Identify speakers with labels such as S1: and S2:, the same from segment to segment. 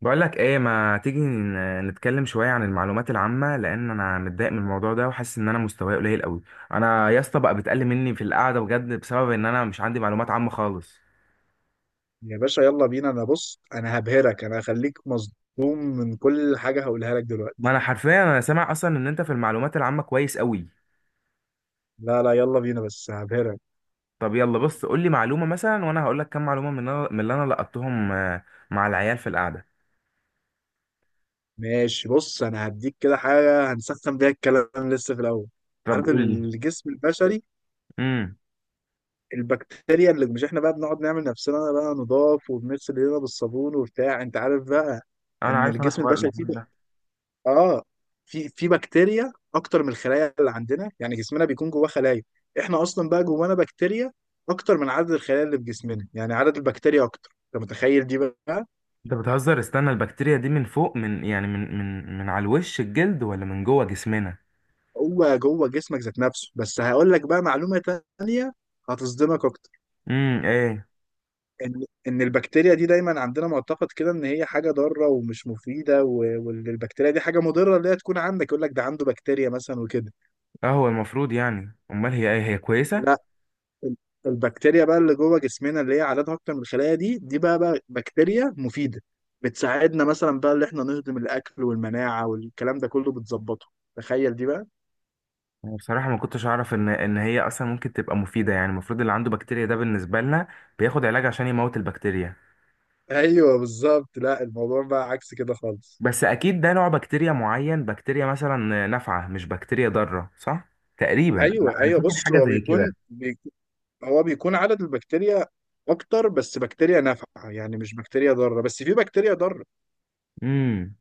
S1: بقول لك ايه، ما تيجي نتكلم شويه عن المعلومات العامه، لان انا متضايق من الموضوع ده وحاسس ان انا مستواي قليل قوي. انا يا اسطى بقى بتقل مني في القعده بجد، بسبب ان انا مش عندي معلومات عامه خالص.
S2: يا باشا يلا بينا. انا بص، انا هبهرك، انا هخليك مصدوم من كل حاجة هقولها لك
S1: ما
S2: دلوقتي.
S1: انا حرفيا انا سامع اصلا ان انت في المعلومات العامه كويس قوي.
S2: لا، يلا بينا بس هبهرك.
S1: طب يلا، بص قول لي معلومه مثلا وانا هقول لك كام معلومه من من اللي انا لقطتهم، مع العيال في القعده.
S2: ماشي، بص انا هديك كده حاجة هنسخن بيها الكلام لسه في الاول.
S1: طب
S2: عارف
S1: قول لي.
S2: الجسم البشري،
S1: امم.
S2: البكتيريا اللي مش احنا بقى بنقعد نعمل نفسنا بقى نضاف وبنغسل ايدينا بالصابون وبتاع، انت عارف بقى،
S1: انا
S2: ان
S1: عارف، انا
S2: الجسم
S1: حوار
S2: البشري فيه
S1: الحوار ده.
S2: اه في بكتيريا اكتر من الخلايا اللي عندنا. يعني جسمنا بيكون جواه خلايا، احنا اصلا بقى جوانا بكتيريا اكتر من عدد الخلايا اللي في جسمنا. يعني عدد البكتيريا اكتر، انت متخيل دي بقى؟
S1: انت بتهزر، استنى، البكتيريا دي من فوق، من يعني من على الوش الجلد، ولا من جوه جسمنا؟
S2: هو جوه جسمك ذات نفسه. بس هقول لك بقى معلومة تانية هتصدمك اكتر.
S1: امم، ايه؟
S2: ان البكتيريا دي دايما عندنا معتقد كده ان هي حاجه ضاره ومش مفيده، وان البكتيريا دي حاجه مضره، اللي هي تكون عندك يقول لك ده عنده بكتيريا مثلا وكده.
S1: اه، هو المفروض يعني، امال هي ايه، هي كويسه؟
S2: لا، البكتيريا بقى اللي جوه جسمنا اللي هي عددها اكتر من الخلايا دي، دي بقى، بكتيريا مفيده. بتساعدنا مثلا بقى اللي احنا نهضم الاكل والمناعه والكلام ده كله بتظبطه. تخيل دي بقى.
S1: انا بصراحه ما كنتش اعرف ان هي اصلا ممكن تبقى مفيده. يعني المفروض اللي عنده بكتيريا ده، بالنسبه لنا، بياخد علاج عشان يموت البكتيريا.
S2: ايوه بالظبط، لا الموضوع بقى عكس كده خالص.
S1: بس اكيد ده نوع بكتيريا معين، بكتيريا مثلا نافعه مش بكتيريا ضاره، صح؟ تقريبا انا
S2: ايوه
S1: أنا
S2: ايوه
S1: فاكر
S2: بص
S1: حاجه
S2: هو
S1: زي كده.
S2: هو بيكون عدد البكتيريا اكتر بس بكتيريا نافعه، يعني مش بكتيريا ضاره، بس في بكتيريا ضاره.
S1: امم.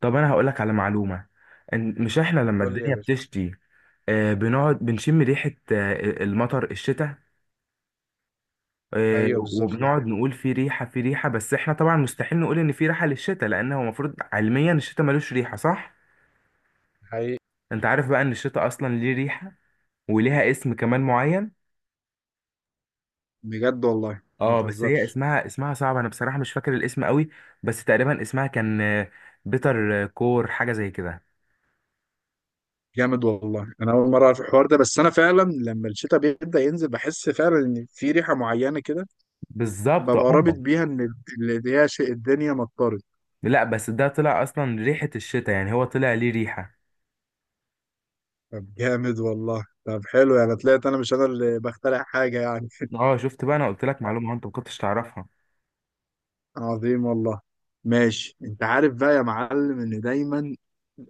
S1: طب انا هقول لك على معلومه. مش احنا لما
S2: قول لي يا
S1: الدنيا
S2: باشا.
S1: بتشتي، بنقعد بنشم ريحه، المطر، الشتاء،
S2: ايوه بالظبط، دي
S1: وبنقعد
S2: حقيقة
S1: نقول في ريحة في ريحة. بس احنا طبعا مستحيل نقول ان في ريحة للشتاء، لان هو المفروض علميا الشتاء ملوش ريحة، صح؟
S2: حقيقي.
S1: انت عارف بقى ان الشتاء اصلا ليه ريحة، وليها اسم كمان معين.
S2: بجد والله، ما
S1: اه، بس هي
S2: تهزرش.
S1: اسمها صعب، انا بصراحة مش فاكر الاسم قوي. بس تقريبا اسمها كان بيتر كور، حاجة زي كده.
S2: جامد والله، انا اول مره اعرف الحوار ده. بس انا فعلا لما الشتاء بيبدا ينزل بحس فعلا ان في ريحه معينه كده،
S1: بالظبط
S2: ببقى رابط
S1: اه.
S2: بيها ان اللي هي شيء الدنيا مطرت.
S1: لا بس ده طلع اصلا ريحة الشتاء، يعني هو طلع ليه ريحة.
S2: طب جامد والله، طب حلو، يعني طلعت انا مش انا اللي بخترع حاجه يعني.
S1: اه، شفت بقى؟ انا قلت لك معلومة انت ما كنتش تعرفها.
S2: عظيم والله. ماشي، انت عارف بقى يا معلم ان دايما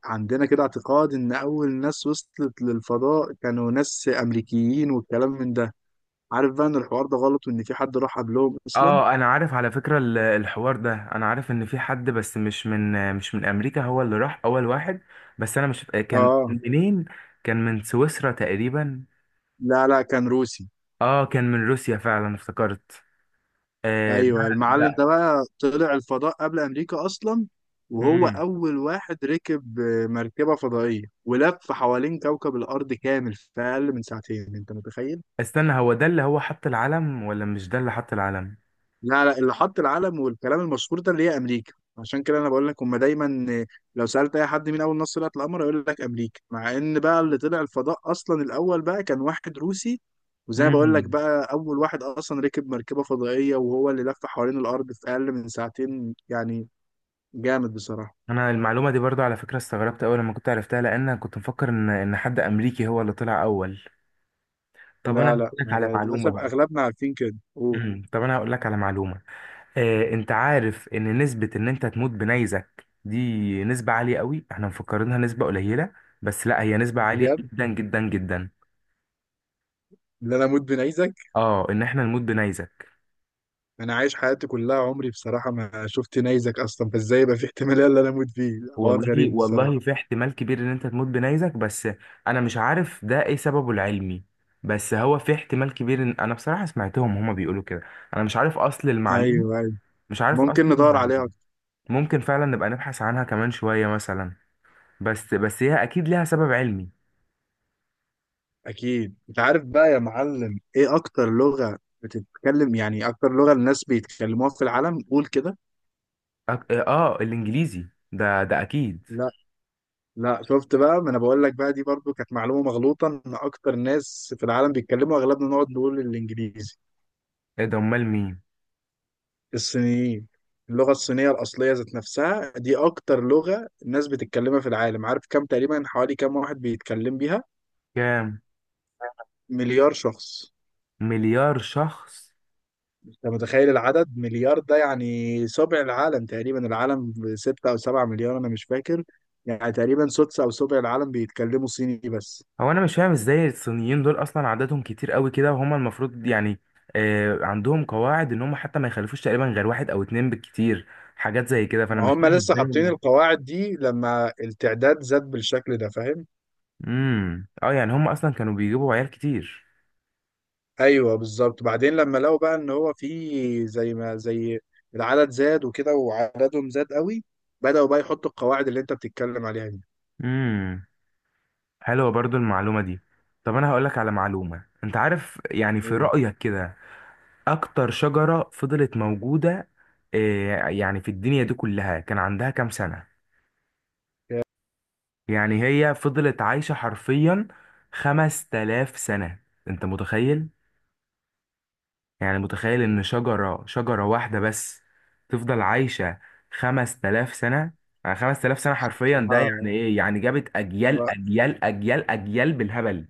S2: عندنا كده اعتقاد ان اول ناس وصلت للفضاء كانوا ناس امريكيين والكلام من ده. عارف بقى ان الحوار ده غلط وان في حد راح قبلهم اصلا؟
S1: اه، انا عارف على فكرة الحوار ده، انا عارف ان في حد، بس مش من امريكا، هو اللي راح اول واحد. بس انا مش كان
S2: اه،
S1: منين. كان من سويسرا تقريبا.
S2: لا كان روسي.
S1: اه، كان من روسيا فعلا، افتكرت. آه،
S2: ايوه
S1: ده
S2: المعلم
S1: ده
S2: ده بقى طلع الفضاء قبل امريكا اصلا. وهو
S1: مم.
S2: اول واحد ركب مركبه فضائيه، ولف حوالين كوكب الارض كامل في اقل من ساعتين، انت متخيل؟
S1: استنى، هو ده اللي هو حط العلم، ولا مش ده اللي حط العلم؟
S2: لا، اللي حط العلم والكلام المشهور ده اللي هي امريكا. عشان كده انا بقول لك هم دايما لو سالت اي حد مين اول ناس طلعت القمر يقول لك امريكا، مع ان بقى اللي طلع الفضاء اصلا الاول بقى كان واحد روسي. وزي ما بقول لك
S1: مم.
S2: بقى اول واحد اصلا ركب مركبه فضائيه، وهو اللي لف حوالين الارض في اقل من ساعتين يعني. جامد بصراحة.
S1: انا المعلومة دي برضو على فكرة استغربت اول لما كنت عرفتها، لان أنا كنت مفكر ان حد امريكي هو اللي طلع اول. طب انا
S2: لا
S1: هقول
S2: لا
S1: لك على
S2: أنا
S1: معلومة
S2: للأسف
S1: بقى.
S2: أغلبنا عارفين كده، قول.
S1: مم. طب انا هقول لك على معلومة. انت عارف ان نسبة ان انت تموت بنيزك دي نسبة عالية قوي؟ احنا مفكرينها نسبة قليلة، بس لا، هي نسبة عالية
S2: بجد،
S1: جدا جدا جدا.
S2: اللي أنا أموت بنيزك؟
S1: اه، ان احنا نموت بنيزك.
S2: أنا عايش حياتي كلها عمري بصراحة ما شفت نيزك أصلا، فإزاي يبقى في احتمالية اللي أنا أموت فيه؟ حوار
S1: والله
S2: غريب بصراحة.
S1: والله، في احتمال كبير ان انت تموت بنيزك. بس انا مش عارف ده ايه سببه العلمي. بس هو في احتمال كبير، ان انا بصراحة سمعتهم هما بيقولوا كده. انا مش عارف اصل المعلومة.
S2: أيوه،
S1: مش عارف
S2: ممكن
S1: اصل
S2: ندور
S1: المعلومة.
S2: عليها أكتر.
S1: ممكن فعلا نبقى نبحث عنها كمان شوية مثلا. بس هي اكيد ليها سبب علمي.
S2: أكيد. أنت عارف بقى يا معلم إيه أكتر لغة بتتكلم، يعني أكتر لغة الناس بيتكلموها في العالم؟ قول كده.
S1: اه، الانجليزي ده اكيد.
S2: لا لا، شفت بقى، ما أنا بقول لك بقى دي برضو كانت معلومة مغلوطة. إن أكتر ناس في العالم بيتكلموا، أغلبنا نقعد نقول الإنجليزي.
S1: ايه ده، امال مين؟
S2: الصينيين. اللغة الصينية الأصلية ذات نفسها دي أكتر لغة الناس بتتكلمها في العالم. عارف كم تقريبا، حوالي كم واحد بيتكلم بيها؟
S1: كام؟
S2: مليار شخص.
S1: مليار شخص؟
S2: أنت متخيل العدد مليار ده؟ يعني سبع العالم تقريبا، العالم ستة أو سبعة مليار أنا مش فاكر. يعني تقريبا سدس أو سبع العالم بيتكلموا صيني بس.
S1: هو انا مش فاهم ازاي الصينيين دول اصلا عددهم كتير قوي كده، وهم المفروض يعني عندهم قواعد ان هم حتى ما يخلفوش تقريبا غير واحد او اتنين بالكتير. حاجات زي كده، فانا
S2: ما
S1: مش
S2: هم
S1: فاهم
S2: لسه
S1: ازاي
S2: حاطين
S1: ما-
S2: القواعد دي لما التعداد زاد بالشكل ده، فاهم؟
S1: امم، اه، يعني هم اصلا كانوا بيجيبوا عيال كتير.
S2: ايوه بالظبط، بعدين لما لقوا بقى ان هو زي ما العدد زاد وكده وعددهم زاد قوي، بدأوا بقى يحطوا القواعد اللي انت بتتكلم عليها دي.
S1: امم. حلوه برضو المعلومه دي. طب انا هقولك على معلومه، انت عارف يعني في
S2: مم.
S1: رايك كده، اكتر شجرة فضلت موجودة، يعني في الدنيا دي كلها، كان عندها كام سنة؟ يعني هي فضلت عايشة حرفيا 5000 سنة. انت متخيل؟ يعني متخيل ان شجرة شجرة واحدة بس تفضل عايشة 5000 سنة. يعني 5000 سنة حرفيا. ده
S2: بصراحة،
S1: يعني ايه؟ يعني جابت اجيال
S2: لا.
S1: اجيال اجيال اجيال بالهبل.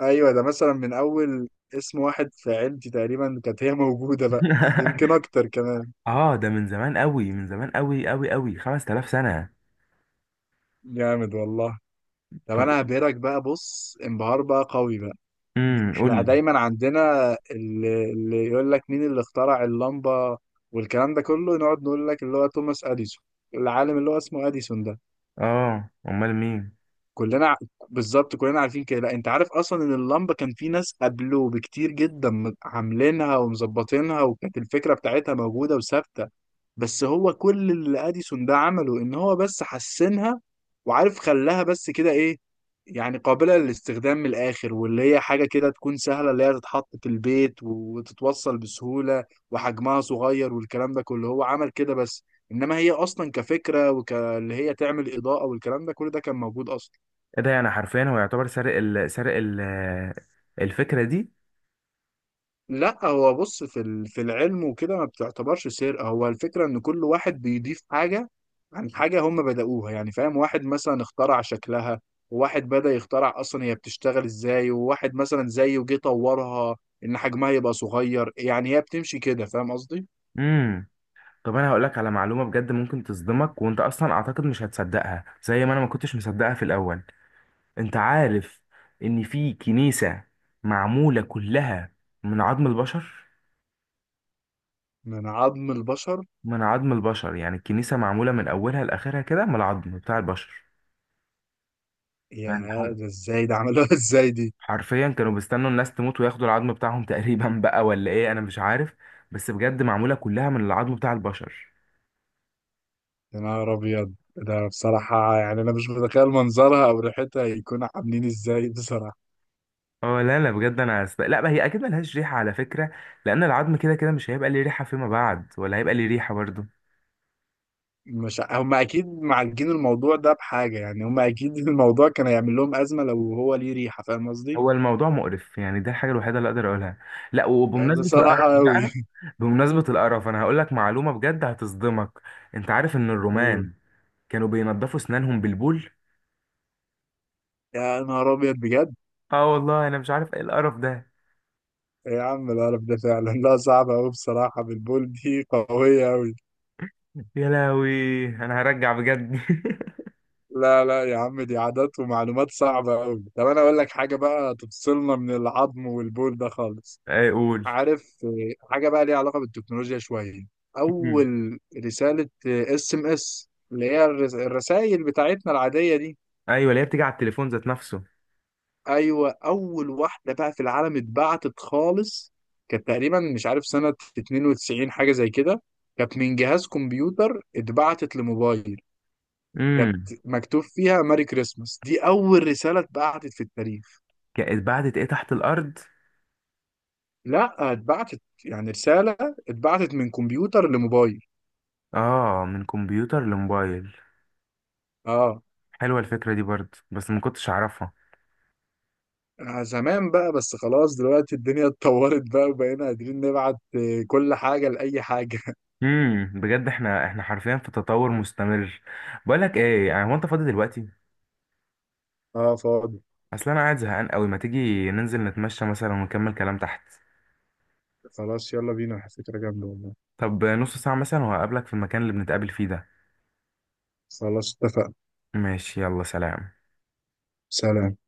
S2: ايوه، ده مثلا من اول اسم واحد في عيلتي تقريبا كانت هي موجودة بقى، يمكن اكتر كمان.
S1: اه، ده من زمان قوي، من زمان قوي قوي قوي، 5000 سنة.
S2: جامد والله. طب
S1: طب.
S2: انا هبهرك بقى، بص، انبهار بقى قوي بقى.
S1: قول
S2: احنا
S1: لي.
S2: دايما عندنا اللي يقول لك مين اللي اخترع اللمبة والكلام ده كله، نقعد نقول لك اللي هو توماس اديسون، العالم اللي هو اسمه اديسون ده.
S1: اه، امال مين؟
S2: كلنا ع- بالظبط، كلنا عارفين كده. لا، انت عارف اصلا ان اللمبة كان في ناس قبله بكتير جدا عاملينها ومظبطينها، وكانت الفكرة بتاعتها موجودة وثابتة. بس هو كل اللي اديسون ده عمله ان هو بس حسنها، وعارف خلاها بس كده ايه، يعني قابلة للاستخدام. من الآخر واللي هي حاجة كده تكون سهلة، اللي هي تتحط في البيت وتتوصل بسهولة وحجمها صغير والكلام ده كله، هو عمل كده بس. إنما هي أصلا كفكرة، وكاللي هي تعمل إضاءة والكلام ده، كل ده كان موجود أصلا.
S1: ايه ده، يعني حرفيا هو يعتبر سرق الفكره دي؟
S2: لا هو بص، في في العلم وكده ما بتعتبرش سرقة. هو الفكرة ان كل واحد بيضيف حاجة عن حاجة هم بدأوها، يعني فاهم؟ واحد مثلا اخترع شكلها، وواحد بدأ يخترع اصلا هي بتشتغل ازاي، وواحد مثلا زيه جه طورها ان حجمها يبقى صغير. يعني هي بتمشي كده، فاهم قصدي؟
S1: امم. طب انا هقول لك على معلومه بجد ممكن تصدمك، وانت اصلا اعتقد مش هتصدقها زي ما انا ما كنتش مصدقها في الاول. انت عارف ان في كنيسه معموله كلها من عظم البشر؟
S2: من عظم البشر؟
S1: من عظم البشر. يعني الكنيسه معموله من اولها لاخرها كده من العظم بتاع البشر.
S2: يا،
S1: يعني حاجة،
S2: ده ازاي ده عملوها ازاي دي؟
S1: حرفيا كانوا بيستنوا الناس تموت وياخدوا العظم بتاعهم تقريبا بقى، ولا ايه، انا مش عارف. بس بجد معموله كلها من العظم بتاع البشر.
S2: يا نهار ابيض، ده بصراحة يعني انا مش متخيل منظرها او ريحتها يكونوا عاملين ازاي بصراحة.
S1: اه لا لا بجد، لا، ما هي اكيد ملهاش ريحه على فكره، لان العظم كده كده مش هيبقى ليه ريحه فيما بعد، ولا هيبقى ليه ريحه برضه.
S2: مش ع- هم اكيد معالجين الموضوع ده بحاجه، يعني هم اكيد الموضوع كان هيعمل لهم ازمه لو هو ليه ريحه، فاهم قصدي؟
S1: هو الموضوع مقرف، يعني ده الحاجه الوحيده اللي اقدر اقولها. لا،
S2: يعني
S1: وبمناسبه القرف
S2: بصراحه قوي.
S1: بقى، بمناسبه القرف انا هقول لك معلومه بجد هتصدمك. انت عارف ان الرومان كانوا بينضفوا اسنانهم بالبول؟
S2: يا نهار ابيض بجد.
S1: اه والله، انا مش عارف ايه القرف ده.
S2: إيه يا عم القرف ده فعلا، لا صعبه قوي بصراحه، بالبول دي قويه قوي.
S1: يا لهوي، انا هرجع بجد.
S2: لا لا يا عم، دي عادات ومعلومات صعبه قوي. طب انا اقول لك حاجه بقى تفصلنا من العظم والبول ده خالص.
S1: اي قول.
S2: عارف حاجة بقى ليها علاقة بالتكنولوجيا شوية؟
S1: مم.
S2: أول رسالة SMS، اللي هي الرسائل بتاعتنا العادية دي.
S1: ايوه، اللي هي بتيجي على التليفون ذات نفسه.
S2: أيوة، أول واحدة بقى في العالم اتبعتت خالص كانت تقريبا مش عارف سنة 92 حاجة زي كده. كانت من جهاز كمبيوتر اتبعتت لموبايل. كانت
S1: امم.
S2: مكتوب فيها ماري كريسماس. دي أول رسالة اتبعتت في التاريخ.
S1: بعدت ايه تحت الارض؟
S2: لا، اتبعتت يعني رسالة، اتبعتت من كمبيوتر لموبايل.
S1: اه، من كمبيوتر لموبايل.
S2: اه.
S1: حلوه الفكره دي برضه، بس ما كنتش اعرفها.
S2: زمان بقى، بس خلاص دلوقتي الدنيا اتطورت بقى، وبقينا قادرين نبعت كل حاجة لأي حاجة.
S1: امم، بجد احنا حرفيا في تطور مستمر. بقول لك ايه، يعني هو انت فاضي دلوقتي؟
S2: اه فاضي.
S1: اصل انا قاعد زهقان قوي، ما تيجي ننزل نتمشى مثلا ونكمل كلام تحت.
S2: خلاص يلا بينا، فكرة جامدة والله.
S1: طب نص ساعه مثلا، وهقابلك في المكان اللي بنتقابل فيه ده.
S2: خلاص اتفقنا.
S1: ماشي، يلا سلام.
S2: سلام.